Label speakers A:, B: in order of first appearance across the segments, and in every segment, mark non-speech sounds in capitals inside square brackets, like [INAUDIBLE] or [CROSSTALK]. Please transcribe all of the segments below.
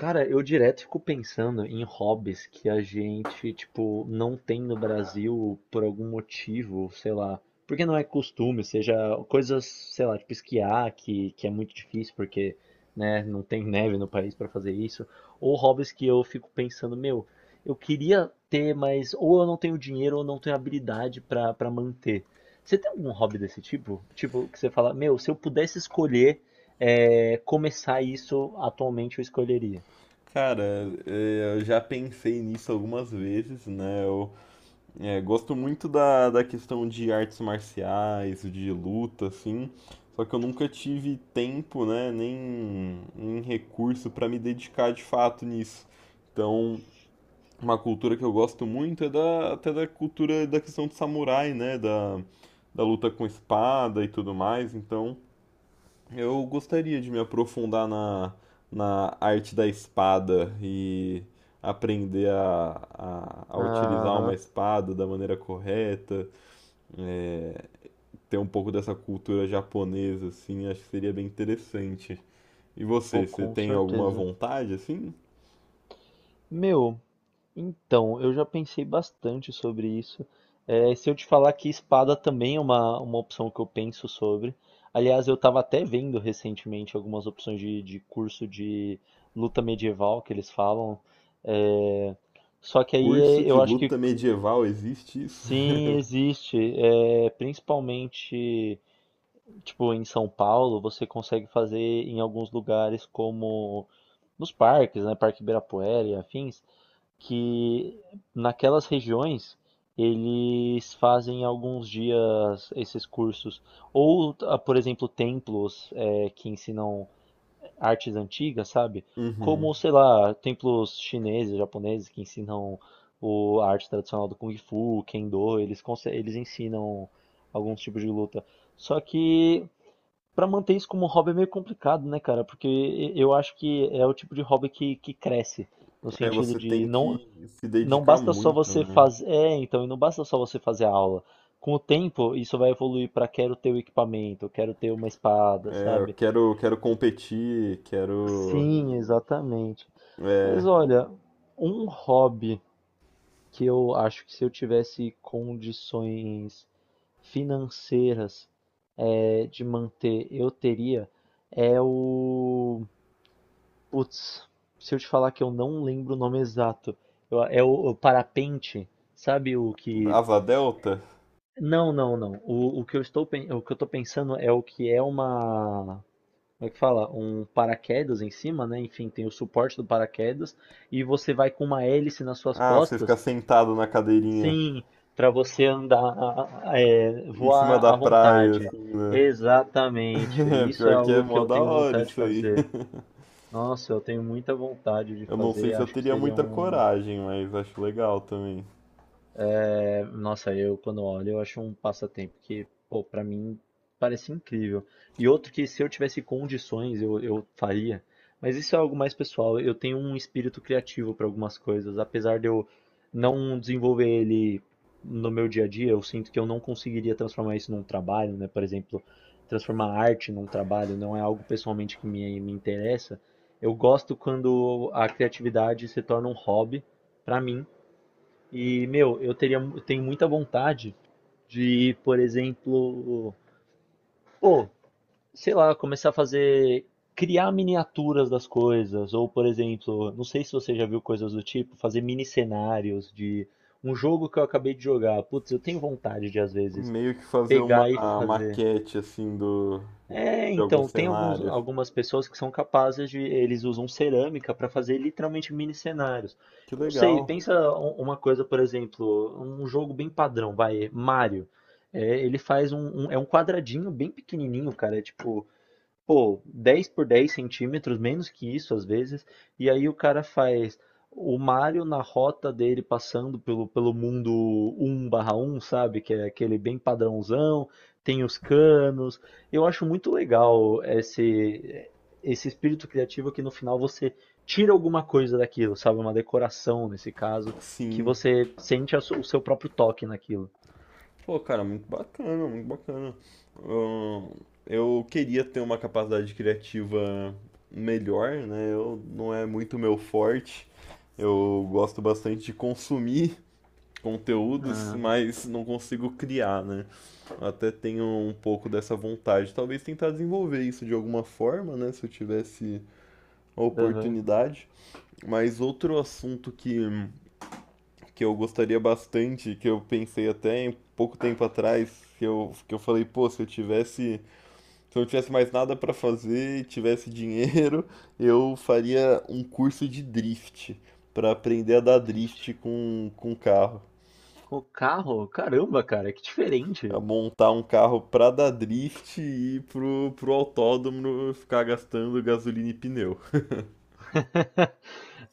A: Cara, eu direto fico pensando em hobbies que a gente, tipo, não tem no Brasil por algum motivo, sei lá. Porque não é costume, seja coisas, sei lá, tipo esquiar, que é muito difícil porque, né, não tem neve no país pra fazer isso. Ou hobbies que eu fico pensando, meu, eu queria ter, mas ou eu não tenho dinheiro ou não tenho habilidade pra para manter. Você tem algum hobby desse tipo? Tipo, que você fala, meu, se eu pudesse escolher, começar isso, atualmente eu escolheria.
B: Cara, eu já pensei nisso algumas vezes, né? Gosto muito da questão de artes marciais, de luta, assim. Só que eu nunca tive tempo, né? Nem recurso para me dedicar de fato nisso. Então, uma cultura que eu gosto muito é da, até da cultura da questão de samurai, né? Da, da luta com espada e tudo mais. Então, eu gostaria de me aprofundar na arte da espada e aprender a utilizar uma
A: Aham,
B: espada da maneira correta, é, ter um pouco dessa cultura japonesa, assim, acho que seria bem interessante. E
A: pô,
B: você, você
A: com
B: tem alguma
A: certeza.
B: vontade, assim?
A: Meu, então, eu já pensei bastante sobre isso. É, se eu te falar que espada também é uma opção que eu penso sobre. Aliás, eu estava até vendo recentemente algumas opções de curso de luta medieval que eles falam. É, Só que
B: Curso de
A: eu acho que
B: luta medieval, existe isso?
A: sim,
B: [LAUGHS]
A: existe. É, principalmente, tipo, em São Paulo, você consegue fazer em alguns lugares como. Nos parques, né, Parque Ibirapuera e afins, que naquelas regiões eles fazem alguns dias esses cursos. Ou, ah, por exemplo, templos que ensinam artes antigas, sabe?
B: Uhum.
A: Como, sei lá, templos chineses, japoneses que ensinam a arte tradicional do Kung Fu, Kendo, eles ensinam alguns tipos de luta. Só que pra manter isso como hobby é meio complicado, né, cara? Porque eu acho que é o tipo de hobby que cresce, no
B: É,
A: sentido
B: você tem
A: de não,
B: que se
A: não
B: dedicar
A: basta só
B: muito,
A: você
B: né?
A: fazer. É, então, e não basta só você fazer a aula. Com o tempo, isso vai evoluir pra quero ter o equipamento, quero ter uma espada,
B: É,
A: sabe?
B: eu
A: Sim,
B: quero, quero competir, quero.
A: exatamente.
B: É,
A: Mas olha, um hobby que eu acho que se eu tivesse condições financeiras de manter, eu teria, é o putz, se eu te falar que eu não lembro o nome exato, é o parapente, sabe o que?
B: asa delta?
A: Não, não, não. O que eu tô pensando é o que é uma, como é que fala? Um paraquedas em cima, né? Enfim, tem o suporte do paraquedas e você vai com uma hélice nas suas
B: Ah, você ficar
A: costas,
B: sentado na cadeirinha
A: sim, para você andar, é,
B: em cima
A: voar
B: da
A: à
B: praia,
A: vontade.
B: assim, né?
A: Exatamente.
B: [LAUGHS]
A: Isso é
B: Pior que é
A: algo que
B: mó
A: eu
B: da
A: tenho
B: hora
A: vontade de
B: isso aí.
A: fazer.
B: [LAUGHS]
A: Nossa, eu tenho muita vontade de
B: Eu não sei
A: fazer,
B: se eu
A: acho que
B: teria
A: seria
B: muita
A: um...
B: coragem, mas acho legal também.
A: É, nossa, eu quando olho, eu acho um passatempo que, pô, pra mim parece incrível. E outro que se eu tivesse condições, eu faria. Mas isso é algo mais pessoal. Eu tenho um espírito criativo para algumas coisas, apesar de eu não desenvolver ele no meu dia a dia, eu sinto que eu não conseguiria transformar isso num trabalho, né? Por exemplo, transformar arte num trabalho não é algo pessoalmente que me interessa. Eu gosto quando a criatividade se torna um hobby para mim e, meu, eu teria, eu tenho muita vontade de, por exemplo, pô, sei lá, começar a fazer, criar miniaturas das coisas, ou, por exemplo, não sei se você já viu coisas do tipo, fazer mini cenários de um jogo que eu acabei de jogar. Putz, eu tenho vontade de, às vezes,
B: Meio que fazer uma
A: pegar e fazer.
B: maquete, assim, do, de
A: É,
B: algum
A: então,
B: cenário.
A: algumas pessoas que são capazes de. Eles usam cerâmica para fazer literalmente mini cenários.
B: Que
A: Não sei,
B: legal.
A: pensa uma coisa, por exemplo, um jogo bem padrão, vai, Mario. É, ele faz é um quadradinho bem pequenininho, cara. É tipo pô, 10 por 10 centímetros, menos que isso às vezes, e aí o cara faz o Mario na rota dele passando pelo mundo um/barra um, sabe? Que é aquele bem padrãozão, tem os canos. Eu acho muito legal esse espírito criativo que no final você tira alguma coisa daquilo, sabe? Uma decoração nesse caso, que
B: Sim.
A: você sente o seu próprio toque naquilo.
B: Pô, cara, muito bacana, muito bacana. Ahn, Eu queria ter uma capacidade criativa melhor, né? Eu não é muito meu forte. Eu gosto bastante de consumir conteúdos,
A: Ah,
B: mas não consigo criar, né? Até tenho um pouco dessa vontade. Talvez tentar desenvolver isso de alguma forma, né? Se eu tivesse a
A: aham,
B: oportunidade. Mas outro assunto que eu gostaria bastante, que eu pensei até em pouco tempo atrás, que eu falei, pô, se eu tivesse, se eu não tivesse mais nada para fazer e tivesse dinheiro, [LAUGHS] eu faria um curso de drift, para aprender a dar
A: triste.
B: drift com carro.
A: Com o carro, caramba, cara, que
B: A
A: diferente.
B: montar um carro para dar drift e ir pro autódromo ficar gastando gasolina e pneu.
A: [LAUGHS]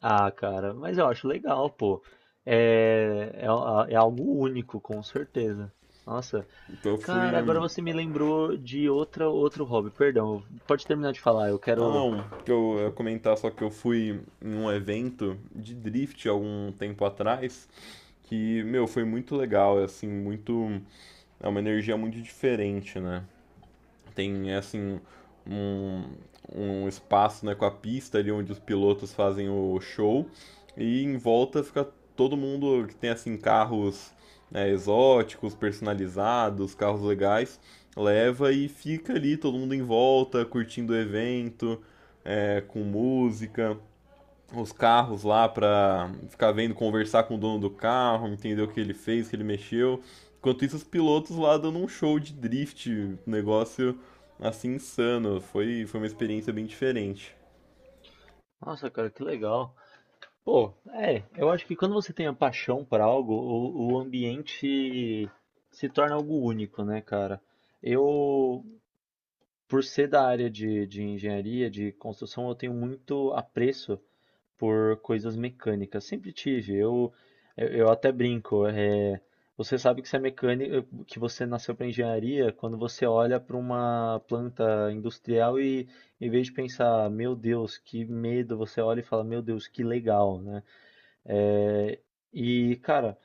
A: Ah, cara, mas eu acho legal, pô. É, é, é algo único, com certeza. Nossa,
B: Então eu
A: cara,
B: fui.
A: agora
B: Hum,
A: você me lembrou de outra, outro hobby, perdão. Pode terminar de falar, eu
B: ah
A: quero.
B: não, que eu ia comentar só que eu fui em um evento de drift algum tempo atrás. Que, meu, foi muito legal, é, assim, muito, é uma energia muito diferente, né? Tem, é, assim, um, um espaço, né, com a pista ali onde os pilotos fazem o show e em volta fica todo mundo que tem, assim, carros, né, exóticos, personalizados, carros legais, leva e fica ali todo mundo em volta, curtindo o evento, é, com música, os carros lá pra ficar vendo, conversar com o dono do carro, entender o que ele fez, o que ele mexeu. Enquanto isso, os pilotos lá dando um show de drift, um negócio assim insano. Foi, foi uma experiência bem diferente.
A: Nossa, cara, que legal. Pô, é, eu acho que quando você tem a paixão por algo, o ambiente se torna algo único, né, cara? Eu, por ser da área de engenharia, de construção, eu tenho muito apreço por coisas mecânicas. Sempre tive. Eu até brinco. Você sabe que você é mecânico, que você nasceu para engenharia quando você olha para uma planta industrial e, em vez de pensar, meu Deus, que medo, você olha e fala, meu Deus, que legal, né? É, e, cara,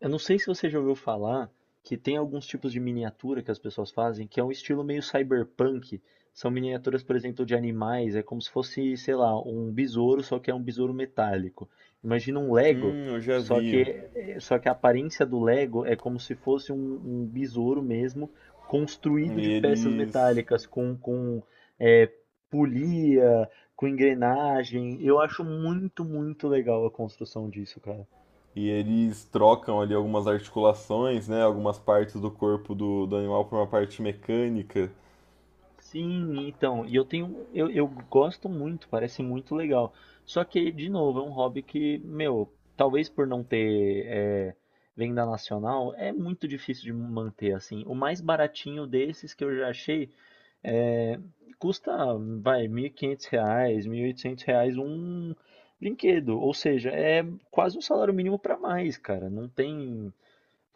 A: eu não sei se você já ouviu falar que tem alguns tipos de miniatura que as pessoas fazem, que é um estilo meio cyberpunk. São miniaturas, por exemplo, de animais, é como se fosse, sei lá, um besouro, só que é um besouro metálico. Imagina um Lego,
B: Eu já
A: só que,
B: vi.
A: só que a aparência do Lego é como se fosse um besouro mesmo, construído
B: E
A: de peças
B: eles.
A: metálicas, com é, polia, com engrenagem. Eu acho muito legal a construção disso, cara.
B: E eles trocam ali algumas articulações, né? Algumas partes do corpo do animal por uma parte mecânica.
A: Sim, então, eu gosto muito, parece muito legal. Só que, de novo, é um hobby que, meu, talvez por não ter venda nacional, é muito difícil de manter, assim. O mais baratinho desses que eu já achei é, custa, vai, R$ 1.500, R$ 1.800 um brinquedo. Ou seja, é quase um salário mínimo para mais, cara. Não tem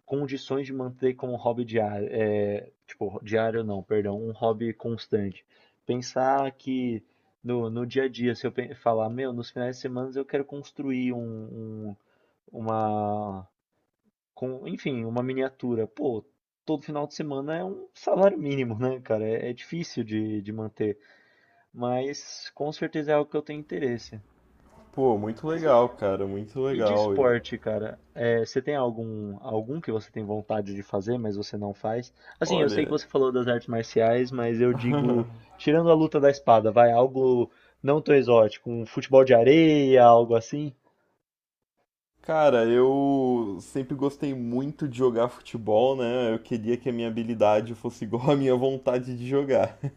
A: condições de manter como um hobby diário, é, tipo, diário não, perdão, um hobby constante. Pensar que no dia a dia, se eu pe- falar, meu, nos finais de semana eu quero construir uma, com, enfim, uma miniatura. Pô, todo final de semana é um salário mínimo, né, cara? É, é difícil de manter, mas com certeza é algo que eu tenho interesse.
B: Pô, muito
A: Mas
B: legal, cara, muito
A: e de
B: legal. E,
A: esporte, cara, é, você tem algum que você tem vontade de fazer, mas você não faz? Assim, eu sei que
B: olha,
A: você falou das artes marciais, mas eu digo, tirando a luta da espada, vai algo não tão exótico, um futebol de areia, algo assim? [LAUGHS]
B: cara, eu sempre gostei muito de jogar futebol, né? Eu queria que a minha habilidade fosse [LAUGHS] igual à minha vontade de jogar. [LAUGHS]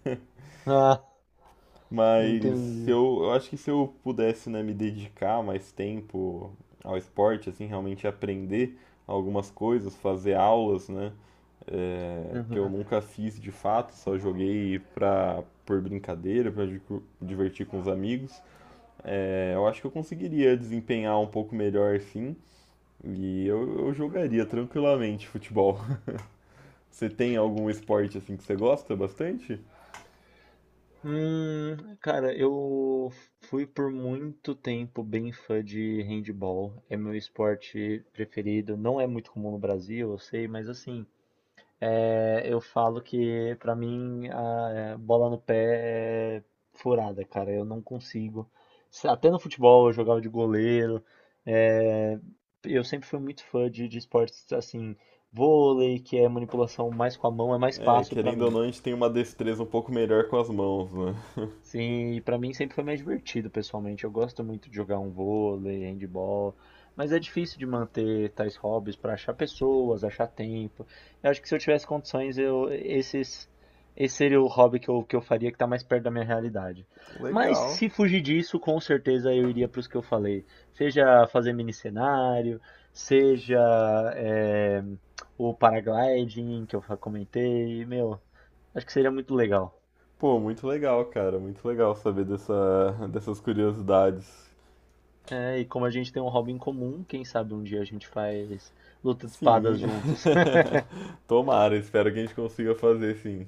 A: Ah,
B: Mas se
A: entendi.
B: eu, eu acho que se eu pudesse, né, me dedicar mais tempo ao esporte, assim, realmente aprender algumas coisas, fazer aulas, né? É, que eu
A: Uhum.
B: nunca fiz de fato, só joguei pra, por brincadeira, divertir com os amigos. É, eu acho que eu conseguiria desempenhar um pouco melhor, sim. Eu jogaria tranquilamente futebol. [LAUGHS] Você tem algum esporte assim que você gosta bastante?
A: Cara, eu fui por muito tempo bem fã de handball. É meu esporte preferido. Não é muito comum no Brasil, eu sei, mas assim, é, eu falo que pra mim bola no pé é furada, cara. Eu não consigo. Até no futebol eu jogava de goleiro. é, eu sempre fui muito fã de esportes assim, vôlei, que é manipulação mais com a mão, é mais
B: É,
A: fácil pra
B: querendo ou
A: mim.
B: não, a gente tem uma destreza um pouco melhor com as mãos, né?
A: Sim, e pra mim sempre foi mais divertido, pessoalmente. Eu gosto muito de jogar um vôlei, handball, mas é difícil de manter tais hobbies pra achar pessoas, achar tempo. Eu acho que se eu tivesse condições, eu esses esse seria o hobby que eu faria que tá mais perto da minha realidade. Mas
B: Legal.
A: se fugir disso, com certeza eu iria para pros que eu falei. Seja fazer mini cenário, seja eh, o paragliding que eu comentei, meu, acho que seria muito legal.
B: Pô, muito legal, cara. Muito legal saber dessa, dessas curiosidades.
A: É, e como a gente tem um hobby em comum, quem sabe um dia a gente faz luta de
B: Sim.
A: espadas juntos.
B: [LAUGHS] Tomara, espero que a gente consiga fazer, sim.